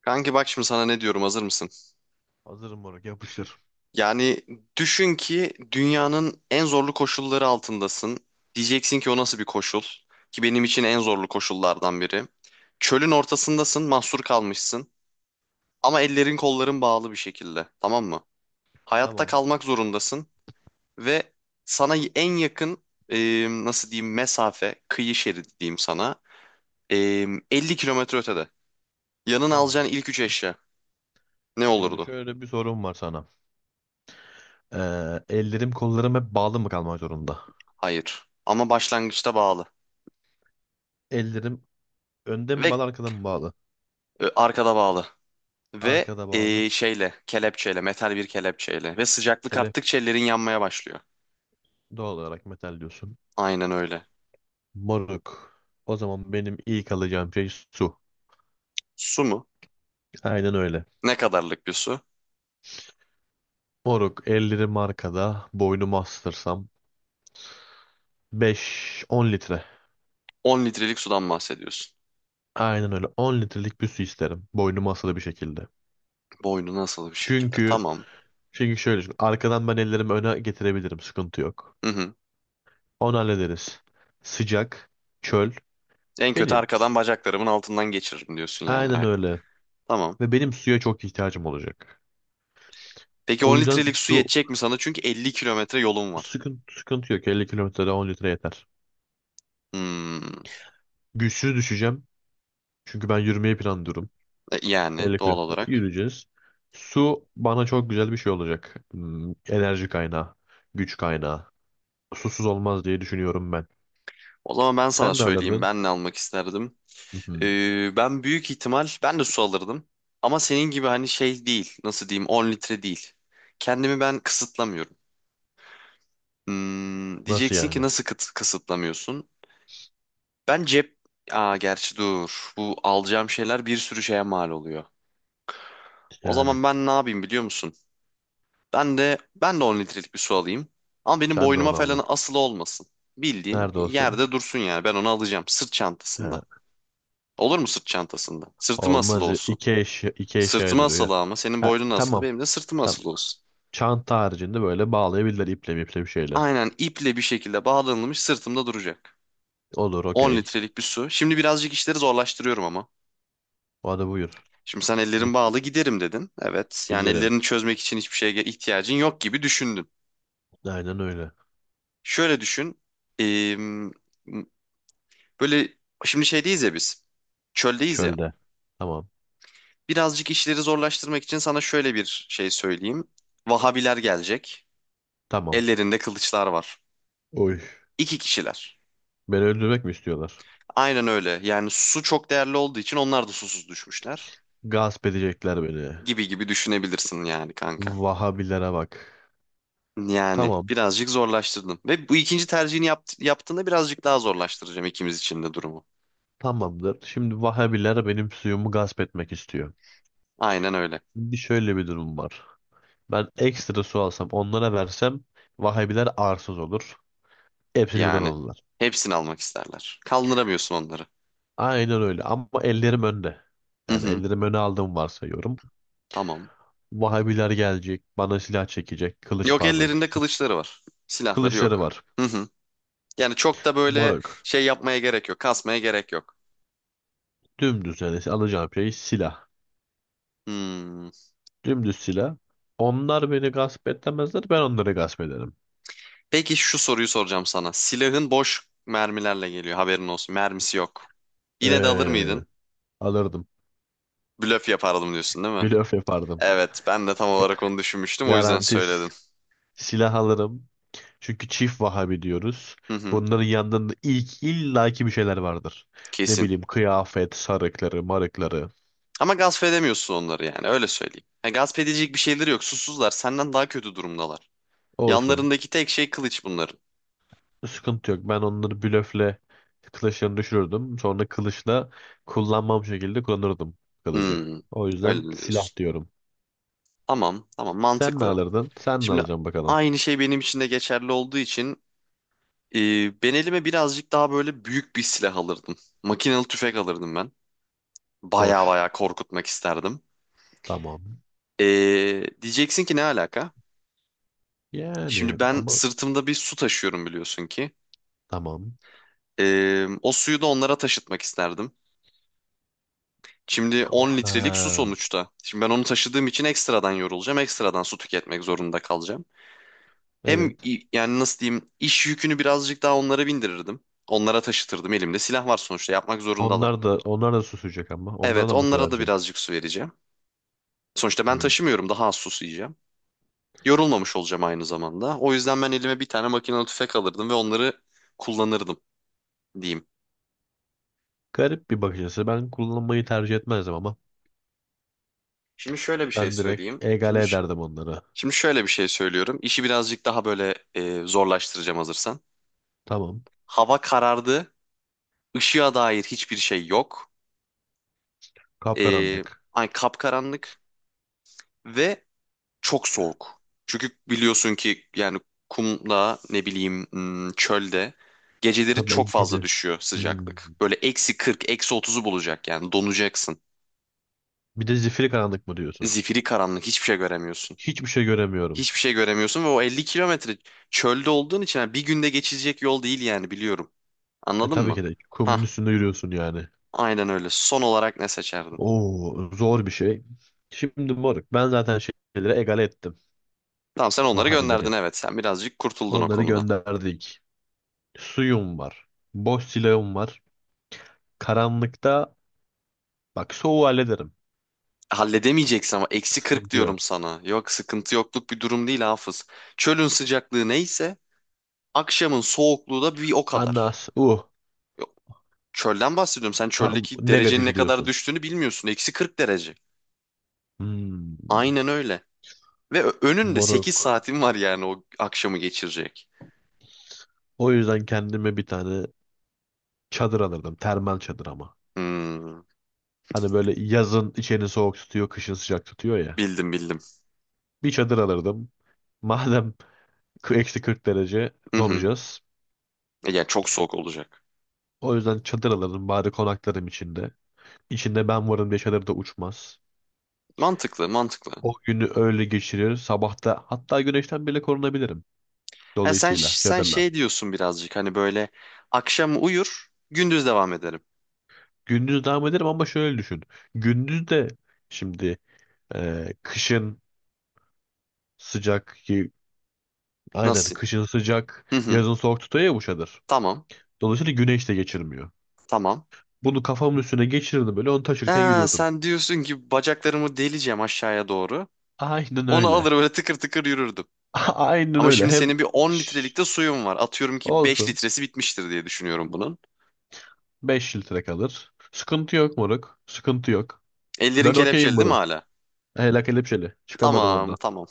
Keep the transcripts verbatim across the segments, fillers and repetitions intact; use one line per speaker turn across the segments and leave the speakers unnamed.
Kanki bak şimdi sana ne diyorum, hazır mısın?
Hazırım moruk yapıştır.
Yani düşün ki dünyanın en zorlu koşulları altındasın. Diyeceksin ki, o nasıl bir koşul? Ki benim için en zorlu koşullardan biri. Çölün ortasındasın, mahsur kalmışsın. Ama ellerin kolların bağlı bir şekilde, tamam mı? Hayatta
Tamam.
kalmak zorundasın ve sana en yakın e, nasıl diyeyim mesafe, kıyı şeridi diyeyim sana. e, elli kilometre ötede. Yanına
Tamam.
alacağın ilk üç eşya ne
Şimdi
olurdu?
şöyle bir sorum var sana. Ee, ellerim kollarım hep bağlı mı kalmak zorunda?
Hayır. Ama başlangıçta bağlı.
Ellerim önde mi
Ve
bağlı arkada mı bağlı?
Ö, Arkada bağlı. Ve
Arkada bağlı.
e, şeyle, kelepçeyle, metal bir kelepçeyle. Ve sıcaklık
Kelepçe
arttıkça ellerin yanmaya başlıyor.
doğal olarak metal diyorsun.
Aynen öyle.
Moruk. O zaman benim ilk alacağım şey su.
Su mu?
Aynen öyle.
Ne kadarlık bir su?
Moruk ellerim arkada boynumu astırsam beş on litre.
On litrelik sudan bahsediyorsun.
Aynen öyle on litrelik bir su isterim. Boynumu asılı bir şekilde.
Boynu nasıl bir şekilde?
Çünkü
Tamam.
çünkü şöyle düşün. Arkadan ben ellerimi öne getirebilirim. Sıkıntı yok.
Hı hı.
Onu hallederiz. Sıcak, çöl
En kötü
benim.
arkadan bacaklarımın altından geçiririm diyorsun yani.
Aynen
Ay,
öyle.
tamam.
Ve benim suya çok ihtiyacım olacak.
Peki on
O yüzden
litrelik su
su
yetecek mi sana? Çünkü elli kilometre yolun var.
sıkıntı, sıkıntı yok. elli kilometrede on litre yeter.
Hmm.
Güçsüz düşeceğim. Çünkü ben yürümeyi planlıyorum.
E, Yani
elli
doğal
kilometre
olarak.
yürüyeceğiz. Su bana çok güzel bir şey olacak. Hmm, enerji kaynağı, güç kaynağı. Susuz olmaz diye düşünüyorum ben.
O zaman ben sana
Sen ne
söyleyeyim,
alırdın?
ben ne almak isterdim?
Hı hı.
Ee, ben büyük ihtimal ben de su alırdım. Ama senin gibi hani şey değil. Nasıl diyeyim, on litre değil. Kendimi ben kısıtlamıyorum. Hmm,
Nasıl
diyeceksin ki,
yani?
nasıl kıt- kısıtlamıyorsun? Ben cep... Aa, gerçi dur. Bu alacağım şeyler bir sürü şeye mal oluyor. O
Yani
zaman ben ne yapayım biliyor musun? Ben de ben de on litrelik bir su alayım. Ama benim
sen de
boynuma
onu aldın.
falan asılı olmasın. Bildiğin
Nerede olsun?
yerde dursun yani. Ben onu alacağım sırt
He.
çantasında. Olur mu sırt çantasında? Sırtıma asılı
Olmaz.
olsun.
İki eşya, iki eşyaya
Sırtıma
duruyor ya.
asılı, ama senin
Ha,
boynun asılı,
tamam.
benim de sırtıma
Tamam.
asılı olsun.
Çanta haricinde böyle bağlayabilirler iple miple bir şeyle.
Aynen iple bir şekilde bağlanılmış sırtımda duracak.
Olur,
on
okey.
litrelik bir su. Şimdi birazcık işleri zorlaştırıyorum ama.
Hadi buyur.
Şimdi sen
Gi-
ellerin bağlı giderim dedin. Evet, yani
Giderim.
ellerini çözmek için hiçbir şeye ihtiyacın yok gibi düşündün.
Aynen öyle.
Şöyle düşün. eee, böyle şimdi şeydeyiz ya biz. Çöldeyiz ya.
Çölde. Tamam.
Birazcık işleri zorlaştırmak için sana şöyle bir şey söyleyeyim. Vahabiler gelecek.
Tamam.
Ellerinde kılıçlar var.
Oy.
İki kişiler.
Beni öldürmek mi istiyorlar?
Aynen öyle. Yani su çok değerli olduğu için onlar da susuz düşmüşler.
Gasp edecekler beni.
Gibi gibi düşünebilirsin yani kanka.
Vahabilere bak.
Yani
Tamam.
birazcık zorlaştırdım. Ve bu ikinci tercihini yapt- yaptığında birazcık daha zorlaştıracağım ikimiz için de durumu.
Tamamdır. Şimdi Vahabiler benim suyumu gasp etmek istiyor.
Aynen öyle.
Bir şöyle bir durum var. Ben ekstra su alsam onlara versem Vahabiler arsız olur. Hepsini birden
Yani
alırlar.
hepsini almak isterler. Kaldıramıyorsun onları.
Aynen öyle ama ellerim önde.
Hı
Yani
hı.
ellerim öne aldığımı varsayıyorum.
Tamam.
Vahabiler gelecek, bana silah çekecek. Kılıç
Yok,
pardon.
ellerinde kılıçları var. Silahları
Kılıçları
yok.
var.
Hı hı. Yani çok da böyle
Moruk.
şey yapmaya gerek yok. Kasmaya gerek yok.
Dümdüz yani alacağım şey silah.
Hmm.
Dümdüz silah. Onlar beni gasp etmezler, ben onları gasp ederim.
Peki, şu soruyu soracağım sana. Silahın boş mermilerle geliyor, haberin olsun. Mermisi yok. Yine de alır
Ee,
mıydın?
Alırdım.
Blöf yapardım diyorsun, değil mi?
Blöf yapardım.
Evet, ben de tam olarak onu düşünmüştüm, o yüzden söyledim.
Garantis silah alırım. Çünkü çift Vahabi diyoruz.
Hı hı,
Bunların yanında ilk illaki bir şeyler vardır. Ne
kesin.
bileyim kıyafet, sarıkları, marıkları
Ama gasp edemiyorsun onları, yani öyle söyleyeyim. Ha, gasp edecek bir şeyleri yok, susuzlar, senden daha kötü durumdalar.
olsun.
Yanlarındaki tek şey kılıç bunların.
Sıkıntı yok. Ben onları blöfle kılıçlarını düşürürdüm. Sonra kılıçla kullanmam şekilde kullanırdım kılıcı.
Hmm,
O
öyle
yüzden
mi
silah
diyorsun.
diyorum.
Tamam, tamam,
Sen ne
mantıklı.
alırdın? Sen ne
Şimdi
alacaksın bakalım.
aynı şey benim için de geçerli olduğu için, Ee, ben elime birazcık daha böyle büyük bir silah alırdım. Makinalı tüfek alırdım ben. Baya
Boş.
baya korkutmak isterdim.
Tamam.
Ee, diyeceksin ki, ne alaka?
Yani
Şimdi ben
ama
sırtımda bir su taşıyorum, biliyorsun ki.
tamam.
Ee, o suyu da onlara taşıtmak isterdim. Şimdi on litrelik su
Aa,
sonuçta. Şimdi ben onu taşıdığım için ekstradan yorulacağım. Ekstradan su tüketmek zorunda kalacağım. Hem
evet.
i- yani nasıl diyeyim, iş yükünü birazcık daha onlara bindirirdim. Onlara taşıtırdım. Elimde silah var sonuçta, yapmak zorundalar.
Onlar da onlar da susacak ama. Onlara
Evet,
da mı su
onlara da
vereceksin?
birazcık su vereceğim. Sonuçta ben
Hmm.
taşımıyorum. Daha az sus yiyeceğim. Yorulmamış olacağım aynı zamanda. O yüzden ben elime bir tane makinalı tüfek alırdım ve onları kullanırdım diyeyim.
Garip bir bakış açısı. Ben kullanmayı tercih etmezdim ama.
Şimdi şöyle bir şey
Ben direkt
söyleyeyim. Şimdi
egale
ş-
ederdim onları.
şimdi şöyle bir şey söylüyorum. İşi birazcık daha böyle e, zorlaştıracağım hazırsan.
Tamam.
Hava karardı. Işığa dair hiçbir şey yok. E,
Kapkaranlık.
ay kapkaranlık ve çok soğuk. Çünkü biliyorsun ki yani, kumla ne bileyim hmm, çölde geceleri çok
Tabii
fazla
gece.
düşüyor
Hmm.
sıcaklık. Böyle eksi kırk, eksi otuzu bulacak, yani donacaksın.
Bir de zifiri karanlık mı diyorsun?
Zifiri karanlık, hiçbir şey göremiyorsun.
Hiçbir şey göremiyorum.
Hiçbir şey göremiyorsun ve o elli kilometre çölde olduğun için, yani bir günde geçilecek yol değil yani, biliyorum.
E
Anladın
tabii
mı?
ki de
Hah,
kumun üstünde yürüyorsun yani.
aynen öyle. Son olarak ne seçerdin?
Oo, zor bir şey. Şimdi moruk ben zaten şeyleri egale ettim.
Tamam, sen onları gönderdin,
Vahabileri.
evet, sen birazcık kurtuldun o
Onları
konuda.
gönderdik. Suyum var. Boş silahım var. Karanlıkta bak soğuğu hallederim.
Halledemeyeceksin, ama eksi kırk
Sıkıntı
diyorum
yok.
sana. Yok, sıkıntı yokluk bir durum değil Hafız. Çölün sıcaklığı neyse, akşamın soğukluğu da bir o kadar.
Anas uh
Yok, çölden bahsediyorum. Sen
tam
çöldeki derecenin ne
negatifi
kadar
diyorsun.
düştüğünü bilmiyorsun. Eksi kırk derece.
Hmm,
Aynen öyle. Ve ö- önünde sekiz
moruk.
saatin var, yani o akşamı geçirecek.
O yüzden kendime bir tane çadır alırdım. Termal çadır ama.
Hmm,
Hani böyle yazın içeni soğuk tutuyor, kışın sıcak tutuyor ya.
bildim bildim.
Bir çadır alırdım. Madem k- eksi kırk derece
Hı hı.
donacağız.
E, Yani çok soğuk olacak.
O yüzden çadır alırdım bari konaklarım içinde. İçinde ben varım diye çadır da uçmaz.
Mantıklı mantıklı.
O günü öyle geçirir. Sabahta hatta güneşten bile korunabilirim.
Ha, sen
Dolayısıyla
sen
çadırla.
şey diyorsun birazcık, hani böyle akşam uyur gündüz devam ederim.
Gündüz devam ederim ama şöyle düşün. Gündüz de şimdi e, kışın sıcak, ki aynen
Nasıl?
kışın sıcak,
Hı hı.
yazın soğuk tutuyor ya bu çadır.
Tamam.
Dolayısıyla güneş de geçirmiyor.
Tamam.
Bunu kafamın üstüne geçirirdim böyle onu taşırken
Ee,
yürürdüm.
sen diyorsun ki bacaklarımı deleceğim aşağıya doğru.
Aynen
Onu alır
öyle.
böyle tıkır tıkır yürürdüm.
Aynen
Ama
öyle.
şimdi
Hem
senin bir on
şş
litrelik de suyun var. Atıyorum ki beş
olsun
litresi bitmiştir diye düşünüyorum bunun.
beş litre kalır. Sıkıntı yok moruk. Sıkıntı yok.
Ellerin
Ben okeyim
kelepçeli değil mi
bunu.
hala?
Hele kelepçeli. Çıkamadım
Tamam,
ondan.
tamam.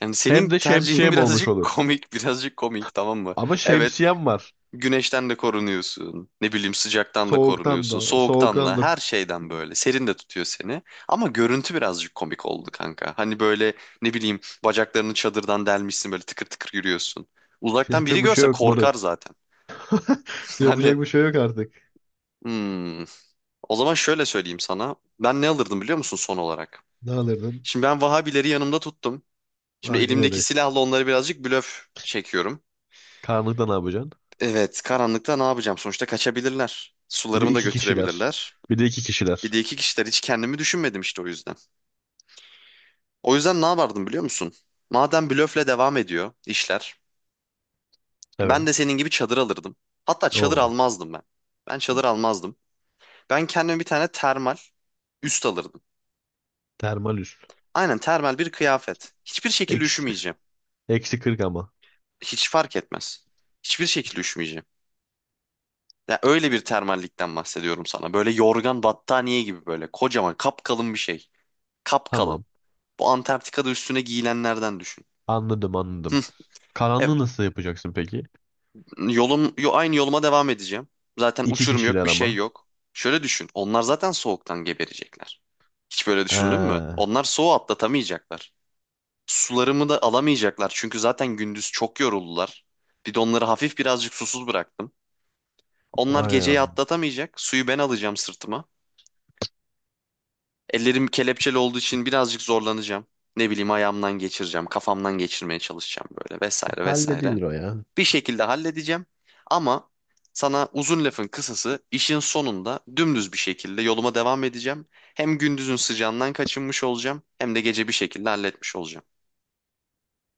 Yani senin
Hem de
tercihin
şemsiyem olmuş
birazcık
olur.
komik, birazcık komik, tamam mı?
Ama
Evet,
şemsiyem var.
güneşten de korunuyorsun. Ne bileyim, sıcaktan da
Soğuktan
korunuyorsun.
da.
Soğuktan
Soğuktan
da,
da.
her şeyden böyle. Serin de tutuyor seni. Ama görüntü birazcık komik oldu kanka. Hani böyle, ne bileyim, bacaklarını çadırdan delmişsin, böyle tıkır tıkır yürüyorsun. Uzaktan biri
Yapacak bir şey
görse
yok
korkar
moruk.
zaten. Hani,
Yapacak bir şey yok artık.
hmm. O zaman şöyle söyleyeyim sana. Ben ne alırdım biliyor musun son olarak?
Ne alırdın?
Şimdi ben Vahabileri yanımda tuttum. Şimdi
Aynen
elimdeki
öyle.
silahla onları birazcık blöf çekiyorum.
Karanlıkta ne yapacaksın?
Evet, karanlıkta ne yapacağım? Sonuçta kaçabilirler.
Bir de
Sularımı da
iki kişiler.
götürebilirler.
Bir de iki
Bir
kişiler.
de iki kişiler, hiç kendimi düşünmedim işte, o yüzden. O yüzden ne yapardım biliyor musun? Madem blöfle devam ediyor işler, ben
Evet.
de senin gibi çadır alırdım. Hatta çadır
Oo.
almazdım ben. Ben çadır almazdım. Ben kendime bir tane termal üst alırdım.
Termal
Aynen, termal bir kıyafet. Hiçbir şekilde
üst.
üşümeyeceğim.
Eksi kırk ama.
Hiç fark etmez. Hiçbir şekilde üşümeyeceğim. Ya öyle bir termallikten bahsediyorum sana. Böyle yorgan battaniye gibi, böyle kocaman kapkalın bir şey. Kapkalın.
Tamam.
Bu Antarktika'da üstüne giyilenlerden düşün.
Anladım
Hı.
anladım.
E,
Karanlığı nasıl yapacaksın peki?
Yolum, yo- aynı yoluma devam edeceğim. Zaten
İki
uçurum yok,
kişiler
bir şey
ama.
yok. Şöyle düşün. Onlar zaten soğuktan geberecekler. Hiç böyle düşündün mü?
Ee,
Onlar soğuğu atlatamayacaklar. Sularımı da alamayacaklar, çünkü zaten gündüz çok yoruldular. Bir de onları hafif birazcık susuz bıraktım. Onlar
vay,
geceyi atlatamayacak. Suyu ben alacağım sırtıma. Ellerim kelepçeli olduğu için birazcık zorlanacağım. Ne bileyim, ayağımdan geçireceğim, kafamdan geçirmeye çalışacağım, böyle vesaire vesaire.
halledilir o ya.
Bir şekilde halledeceğim. Ama sana uzun lafın kısası, işin sonunda dümdüz bir şekilde yoluma devam edeceğim. Hem gündüzün sıcağından kaçınmış olacağım, hem de gece bir şekilde halletmiş olacağım.